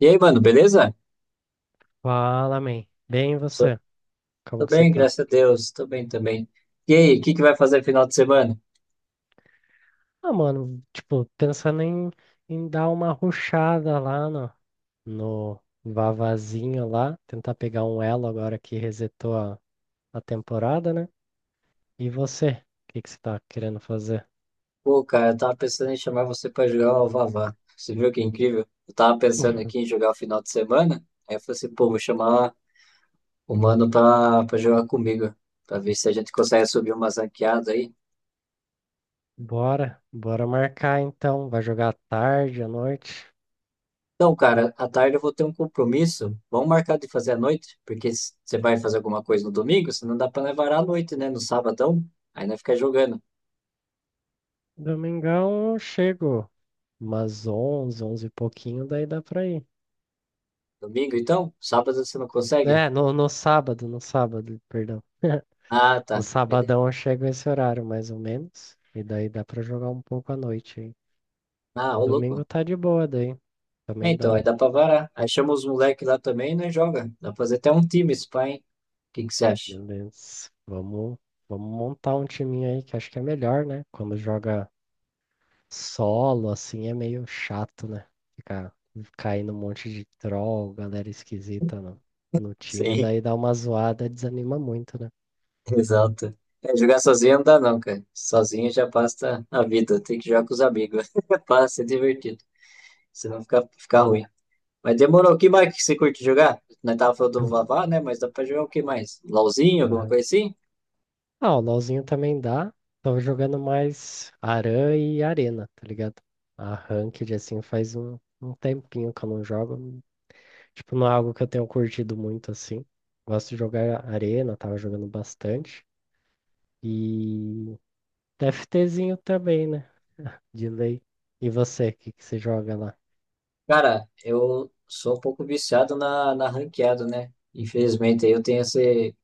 E aí, mano, beleza? Fala, man. Bem, e Sou- você? Como Tô que você bem, tá? graças a Deus. Tô bem também. E aí, o que que vai fazer final de semana? Ah, mano, tipo, pensando em dar uma rushada lá no Vavazinho lá, tentar pegar um elo agora que resetou a temporada, né? E você? O que que você tá querendo fazer? Pô, cara, eu tava pensando em chamar você pra jogar o Vavá. Você viu que incrível? Eu tava pensando aqui em jogar o final de semana. Aí eu falei assim, pô, vou chamar o mano pra jogar comigo. Pra ver se a gente consegue subir umas ranqueadas aí. Bora marcar então. Vai jogar à tarde, à noite? Então, cara, à tarde eu vou ter um compromisso. Vamos marcar de fazer à noite? Porque você vai fazer alguma coisa no domingo, você não dá pra levar à noite, né? No sabadão. Aí nós fica jogando. Domingão eu chego umas 11, 11 e pouquinho, daí dá pra ir. Domingo, então? Sábado você não consegue? É, no sábado, no sábado, perdão. Ah, No tá. Beleza. sabadão eu chego esse horário, mais ou menos. E daí dá pra jogar um pouco à noite, hein? Ah, ô Domingo louco. tá de boa, daí. É, Também então, dá. aí dá pra varar. Aí chama os moleques lá também, né? Joga. Dá pra fazer até um time, esse pai, hein? O que que você acha? Beleza. Vamos montar um timinho aí que acho que é melhor, né? Quando joga solo, assim, é meio chato, né? Ficar caindo um monte de troll, galera esquisita no time. Sim, Daí dá uma zoada, desanima muito, né? exato. É, jogar sozinho não dá não, cara. Sozinho já passa a vida. Tem que jogar com os amigos. para ser divertido. Senão fica ruim. Mas demorou. O que mais que você curte jogar? Nós tava falando do Vavá, né? Mas dá pra jogar o que mais? LOLzinho, alguma Aham. coisa assim? Ah, o LoLzinho também dá. Tô jogando mais Aran e Arena, tá ligado? A Ranked, assim, faz um tempinho que eu não jogo. Tipo, não é algo que eu tenho curtido muito, assim. Gosto de jogar Arena, tava jogando bastante. E TFTzinho também, né? De lei. E você, o que que você joga lá? Cara, eu sou um pouco viciado na ranqueada, né? Infelizmente, aí eu tenho esse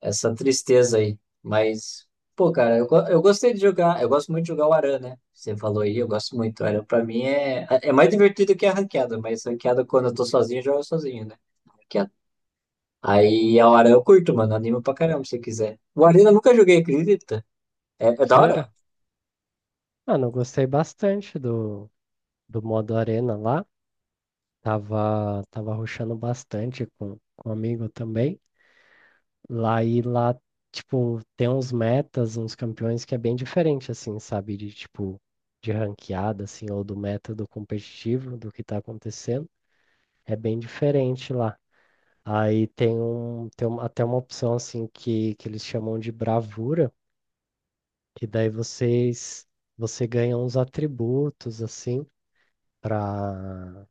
essa tristeza aí. Mas, pô, cara, eu gostei de jogar. Eu gosto muito de jogar o Aran, né? Você falou aí, eu gosto muito. O Aran pra mim é mais divertido que a ranqueada, mas ranqueada quando eu tô sozinho, eu jogo sozinho, né? Ranqueada. Aí a Aran eu curto, mano. Anima pra caramba se quiser. O Aran eu nunca joguei, acredita? É, é da Sério? hora? Mano, eu gostei bastante do modo Arena lá. Tava rushando bastante com um amigo também. Lá e lá, tipo, tem uns metas, uns campeões que é bem diferente, assim, sabe? De tipo, de ranqueada, assim, ou do método competitivo do que tá acontecendo. É bem diferente lá. Aí até uma opção, assim, que eles chamam de bravura, que daí você ganha uns atributos, assim, para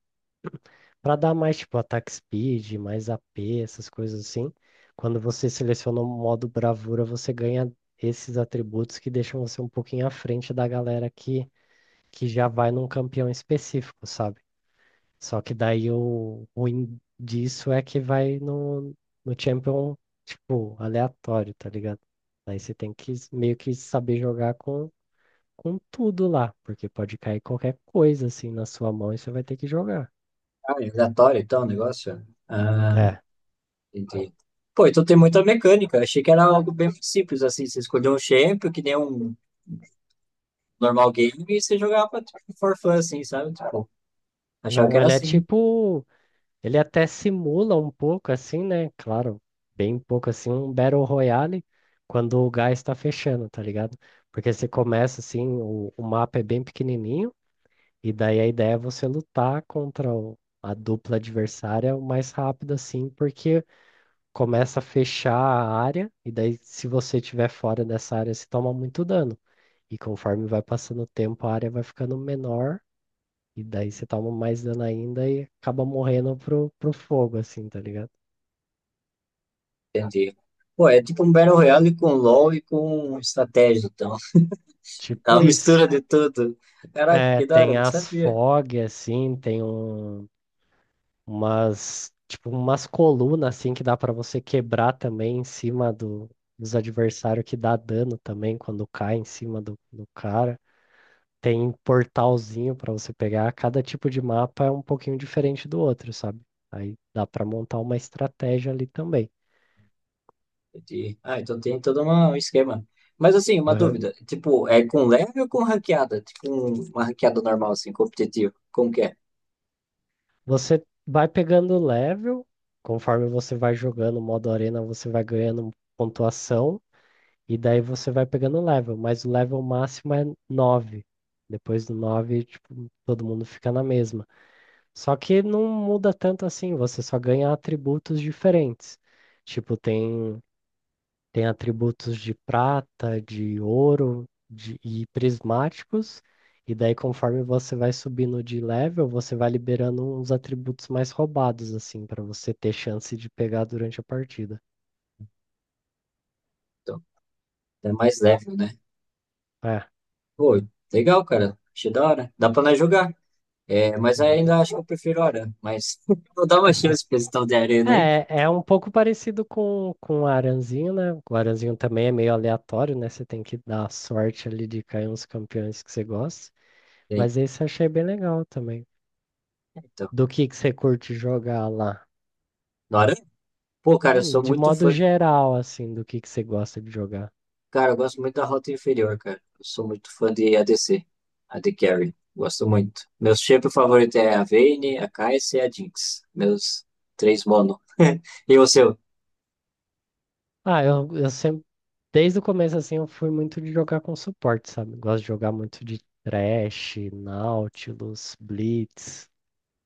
para dar mais tipo attack speed, mais AP, essas coisas assim. Quando você seleciona o modo bravura, você ganha esses atributos que deixam você um pouquinho à frente da galera que já vai num campeão específico, sabe? Só que daí o ruim disso é que vai no champion, tipo, aleatório, tá ligado? Daí você tem que meio que saber jogar com tudo lá, porque pode cair qualquer coisa assim na sua mão e você vai ter que jogar. Ah, é aleatório então o negócio? Ah, É, entendi. Pô, então tem muita mecânica. Achei que era algo bem simples, assim. Você escolheu um champion, que nem um normal game, e você jogava tipo, for fun, assim, sabe? Tipo, achava que não, era ele é assim. tipo Ele até simula um pouco assim, né? Claro, bem pouco assim, um Battle Royale quando o gás está fechando, tá ligado? Porque você começa assim, o mapa é bem pequenininho, e daí a ideia é você lutar contra a dupla adversária o mais rápido assim, porque começa a fechar a área, e daí se você estiver fora dessa área, você toma muito dano. E conforme vai passando o tempo, a área vai ficando menor, e daí você toma mais dano ainda e acaba morrendo pro fogo, assim, tá ligado? Entendi. Pô, é tipo um Battle Royale com LoL e com estratégia, então. É Tipo uma isso. mistura de tudo. Caraca, É, que da hora, tem não as sabia. fog, assim, umas, tipo, umas colunas, assim, que dá pra você quebrar também em cima dos adversários que dá dano também quando cai em cima do cara. Tem um portalzinho pra você pegar. Cada tipo de mapa é um pouquinho diferente do outro, sabe? Aí dá pra montar uma estratégia ali também. Entendi. Ah, então tem todo um esquema. Mas assim, uma Aham. dúvida. Tipo, é com leve ou com ranqueada? Tipo, uma ranqueada normal, assim, competitiva. Como que é? Você vai pegando level, conforme você vai jogando modo arena, você vai ganhando pontuação. E daí você vai pegando level, mas o level máximo é nove. Depois do 9 tipo, todo mundo fica na mesma. Só que não muda tanto assim, você só ganha atributos diferentes. Tipo, tem, tem atributos de prata, de ouro de, e prismáticos. E daí, conforme você vai subindo de level, você vai liberando uns atributos mais roubados, assim, para você ter chance de pegar durante a partida. Então, é mais leve, né? É, Pô, legal, cara. Achei da hora. Dá pra nós jogar. É, mas da hora. ainda acho que eu prefiro Aran. Mas vou dar uma chance pra esse tal de Arena aí. É, é um pouco parecido com o Aranzinho, né? O Aranzinho também é meio aleatório, né? Você tem que dar sorte ali de cair uns campeões que você gosta. Sim. Mas esse eu achei bem legal também. Então, Do que você curte jogar lá? no Aran? Pô, cara, eu sou De muito modo fã. geral, assim, do que você gosta de jogar? Cara, eu gosto muito da Rota Inferior, cara. Eu sou muito fã de ADC, AD Carry. Gosto muito. Meus champions favoritos é a Vayne, a Kai'Sa e a Jinx. Meus três mono. E o seu? Ah, eu sempre, desde o começo, assim, eu fui muito de jogar com suporte, sabe? Gosto de jogar muito de Thresh, Nautilus, Blitz.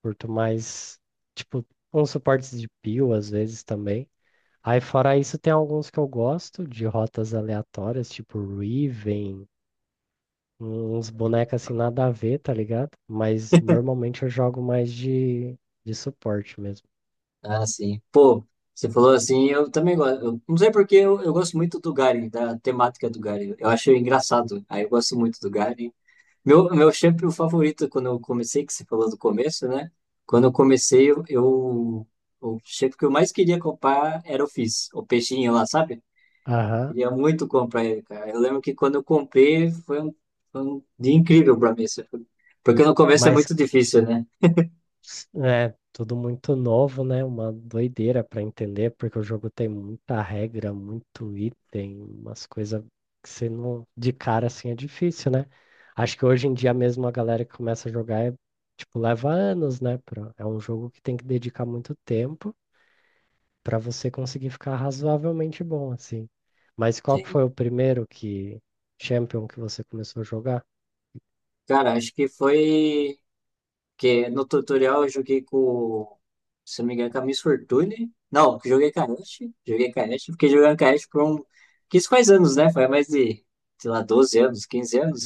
Curto mais, tipo, uns suportes de peel às vezes também. Aí, fora isso, tem alguns que eu gosto de rotas aleatórias, tipo Riven, uns bonecos assim nada a ver, tá ligado? Mas normalmente eu jogo mais de suporte mesmo. Ah, sim. Pô, você falou assim, eu também gosto. Eu não sei porque eu gosto muito do Garen, da temática do Garen. Eu acho engraçado. Aí eu gosto muito do Garen. Meu shampoo favorito, é quando eu comecei, que você falou do começo, né? Quando eu comecei, o shampoo que eu mais queria comprar era o Fizz, o peixinho lá, sabe? Eu Aham. queria muito comprar ele, cara. Eu lembro que quando eu comprei, foi um dia incrível pra mim. Assim, porque no começo é Mas muito difícil, né? é, tudo muito novo, né? Uma doideira para entender, porque o jogo tem muita regra, muito item, umas coisas que você não. De cara assim é difícil, né? Acho que hoje em dia mesmo a galera que começa a jogar é, tipo, leva anos, né? É um jogo que tem que dedicar muito tempo para você conseguir ficar razoavelmente bom, assim. Mas qual que Sim. foi o primeiro que Champion que você começou a jogar? Cara, acho que foi. Porque no tutorial eu joguei com, se não me engano, com a Miss Fortune. Não, joguei com a Ashe. Joguei com a Ashe. Fiquei jogando com a Ashe por um... Quis faz anos, né? Foi mais de, sei lá, 12 anos, 15 anos.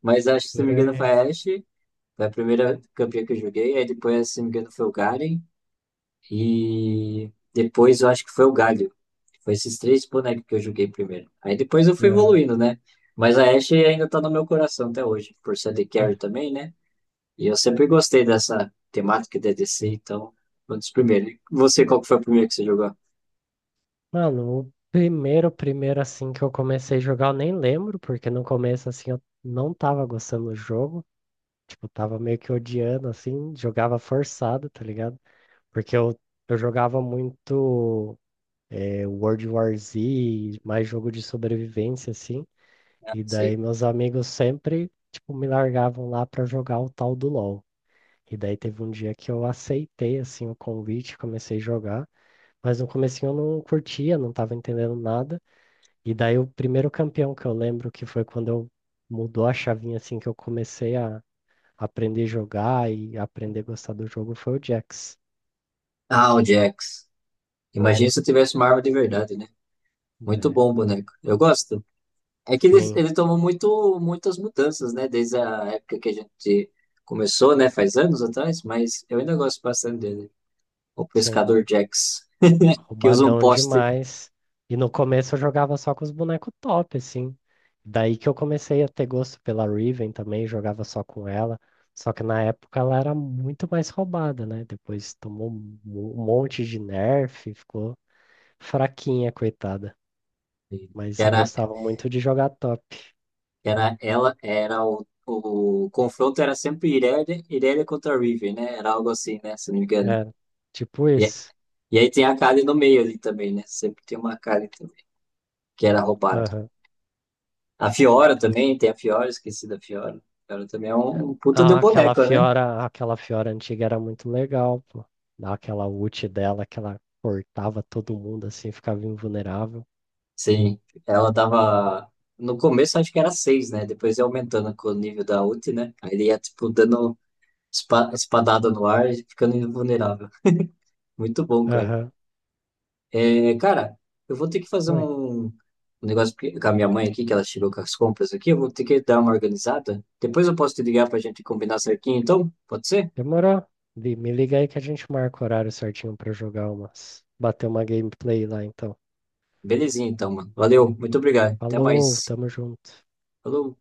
Mas acho que, se não Por me engano, foi aí. a Ashe. Foi a primeira campeã que eu joguei. Aí depois, se não me engano, foi o Garen. E depois eu acho que foi o Galio. Foi esses três bonecos que eu joguei primeiro. Aí depois eu fui É. evoluindo, né? Mas a Ashe ainda tá no meu coração até hoje. Por ser de carry também, né? E eu sempre gostei dessa temática de DC, então, foi um dos primeiros. E você, qual que foi o primeiro que você jogou? Mano, o primeiro, primeiro assim que eu comecei a jogar, eu nem lembro, porque no começo assim eu não tava gostando do jogo. Tipo, tava meio que odiando, assim, jogava forçado, tá ligado? Porque eu jogava muito World War Z, mais jogo de sobrevivência, assim. Ah, E daí sei. meus amigos sempre, tipo, me largavam lá pra jogar o tal do LoL. E daí teve um dia que eu aceitei, assim, o convite, comecei a jogar. Mas no comecinho eu não curtia, não tava entendendo nada. E daí o primeiro campeão que eu lembro que foi quando eu mudou a chavinha assim que eu comecei a aprender a jogar e aprender a gostar do jogo foi o Jax. Ah, o Jax. Imagina se eu tivesse uma arma de verdade, né? Muito Né? bom o boneco. Eu gosto. É que ele, Sim, ele tomou muito, muitas mudanças, né? Desde a época que a gente começou, né? Faz anos atrás, mas eu ainda gosto bastante dele. O pescador sim, Jax, que usa um roubadão poste, demais. E no começo eu jogava só com os bonecos top, assim. Daí que eu comecei a ter gosto pela Riven também, jogava só com ela. Só que na época ela era muito mais roubada, né? Depois tomou um um monte de nerf, ficou fraquinha, coitada. que Mas eu era, gostava muito de jogar top. Era ela, era o confronto era sempre Irelia, Irelia contra Riven, né? Era algo assim, né? Se não me engano. É, tipo E, isso. e aí tem a Kali no meio ali também, né? Sempre tem uma Kali também, que era roubado. Aham. A Fiora também, tem a Fiora, esqueci da Fiora. A Fiora também é um puta de Ah, boneca, né? Aquela Fiora antiga era muito legal, pô. Dá aquela ult dela que ela cortava todo mundo assim, ficava invulnerável. Sim, ela tava. No começo acho que era seis, né? Depois ia aumentando com o nível da ult, né? Aí ele ia, tipo, dando espadada no ar e ficando invulnerável. Muito bom, cara. Aham. É, cara, eu vou ter que fazer Oi. um negócio com a minha mãe aqui, que ela chegou com as compras aqui. Eu vou ter que dar uma organizada. Depois eu posso te ligar pra gente combinar certinho, então? Pode ser? Demorou? Vi, me liga aí que a gente marca o horário certinho pra jogar umas. Bater uma gameplay lá então. Belezinha, então, mano. Valeu, muito obrigado. Até Falou, mais. tamo junto. Falou.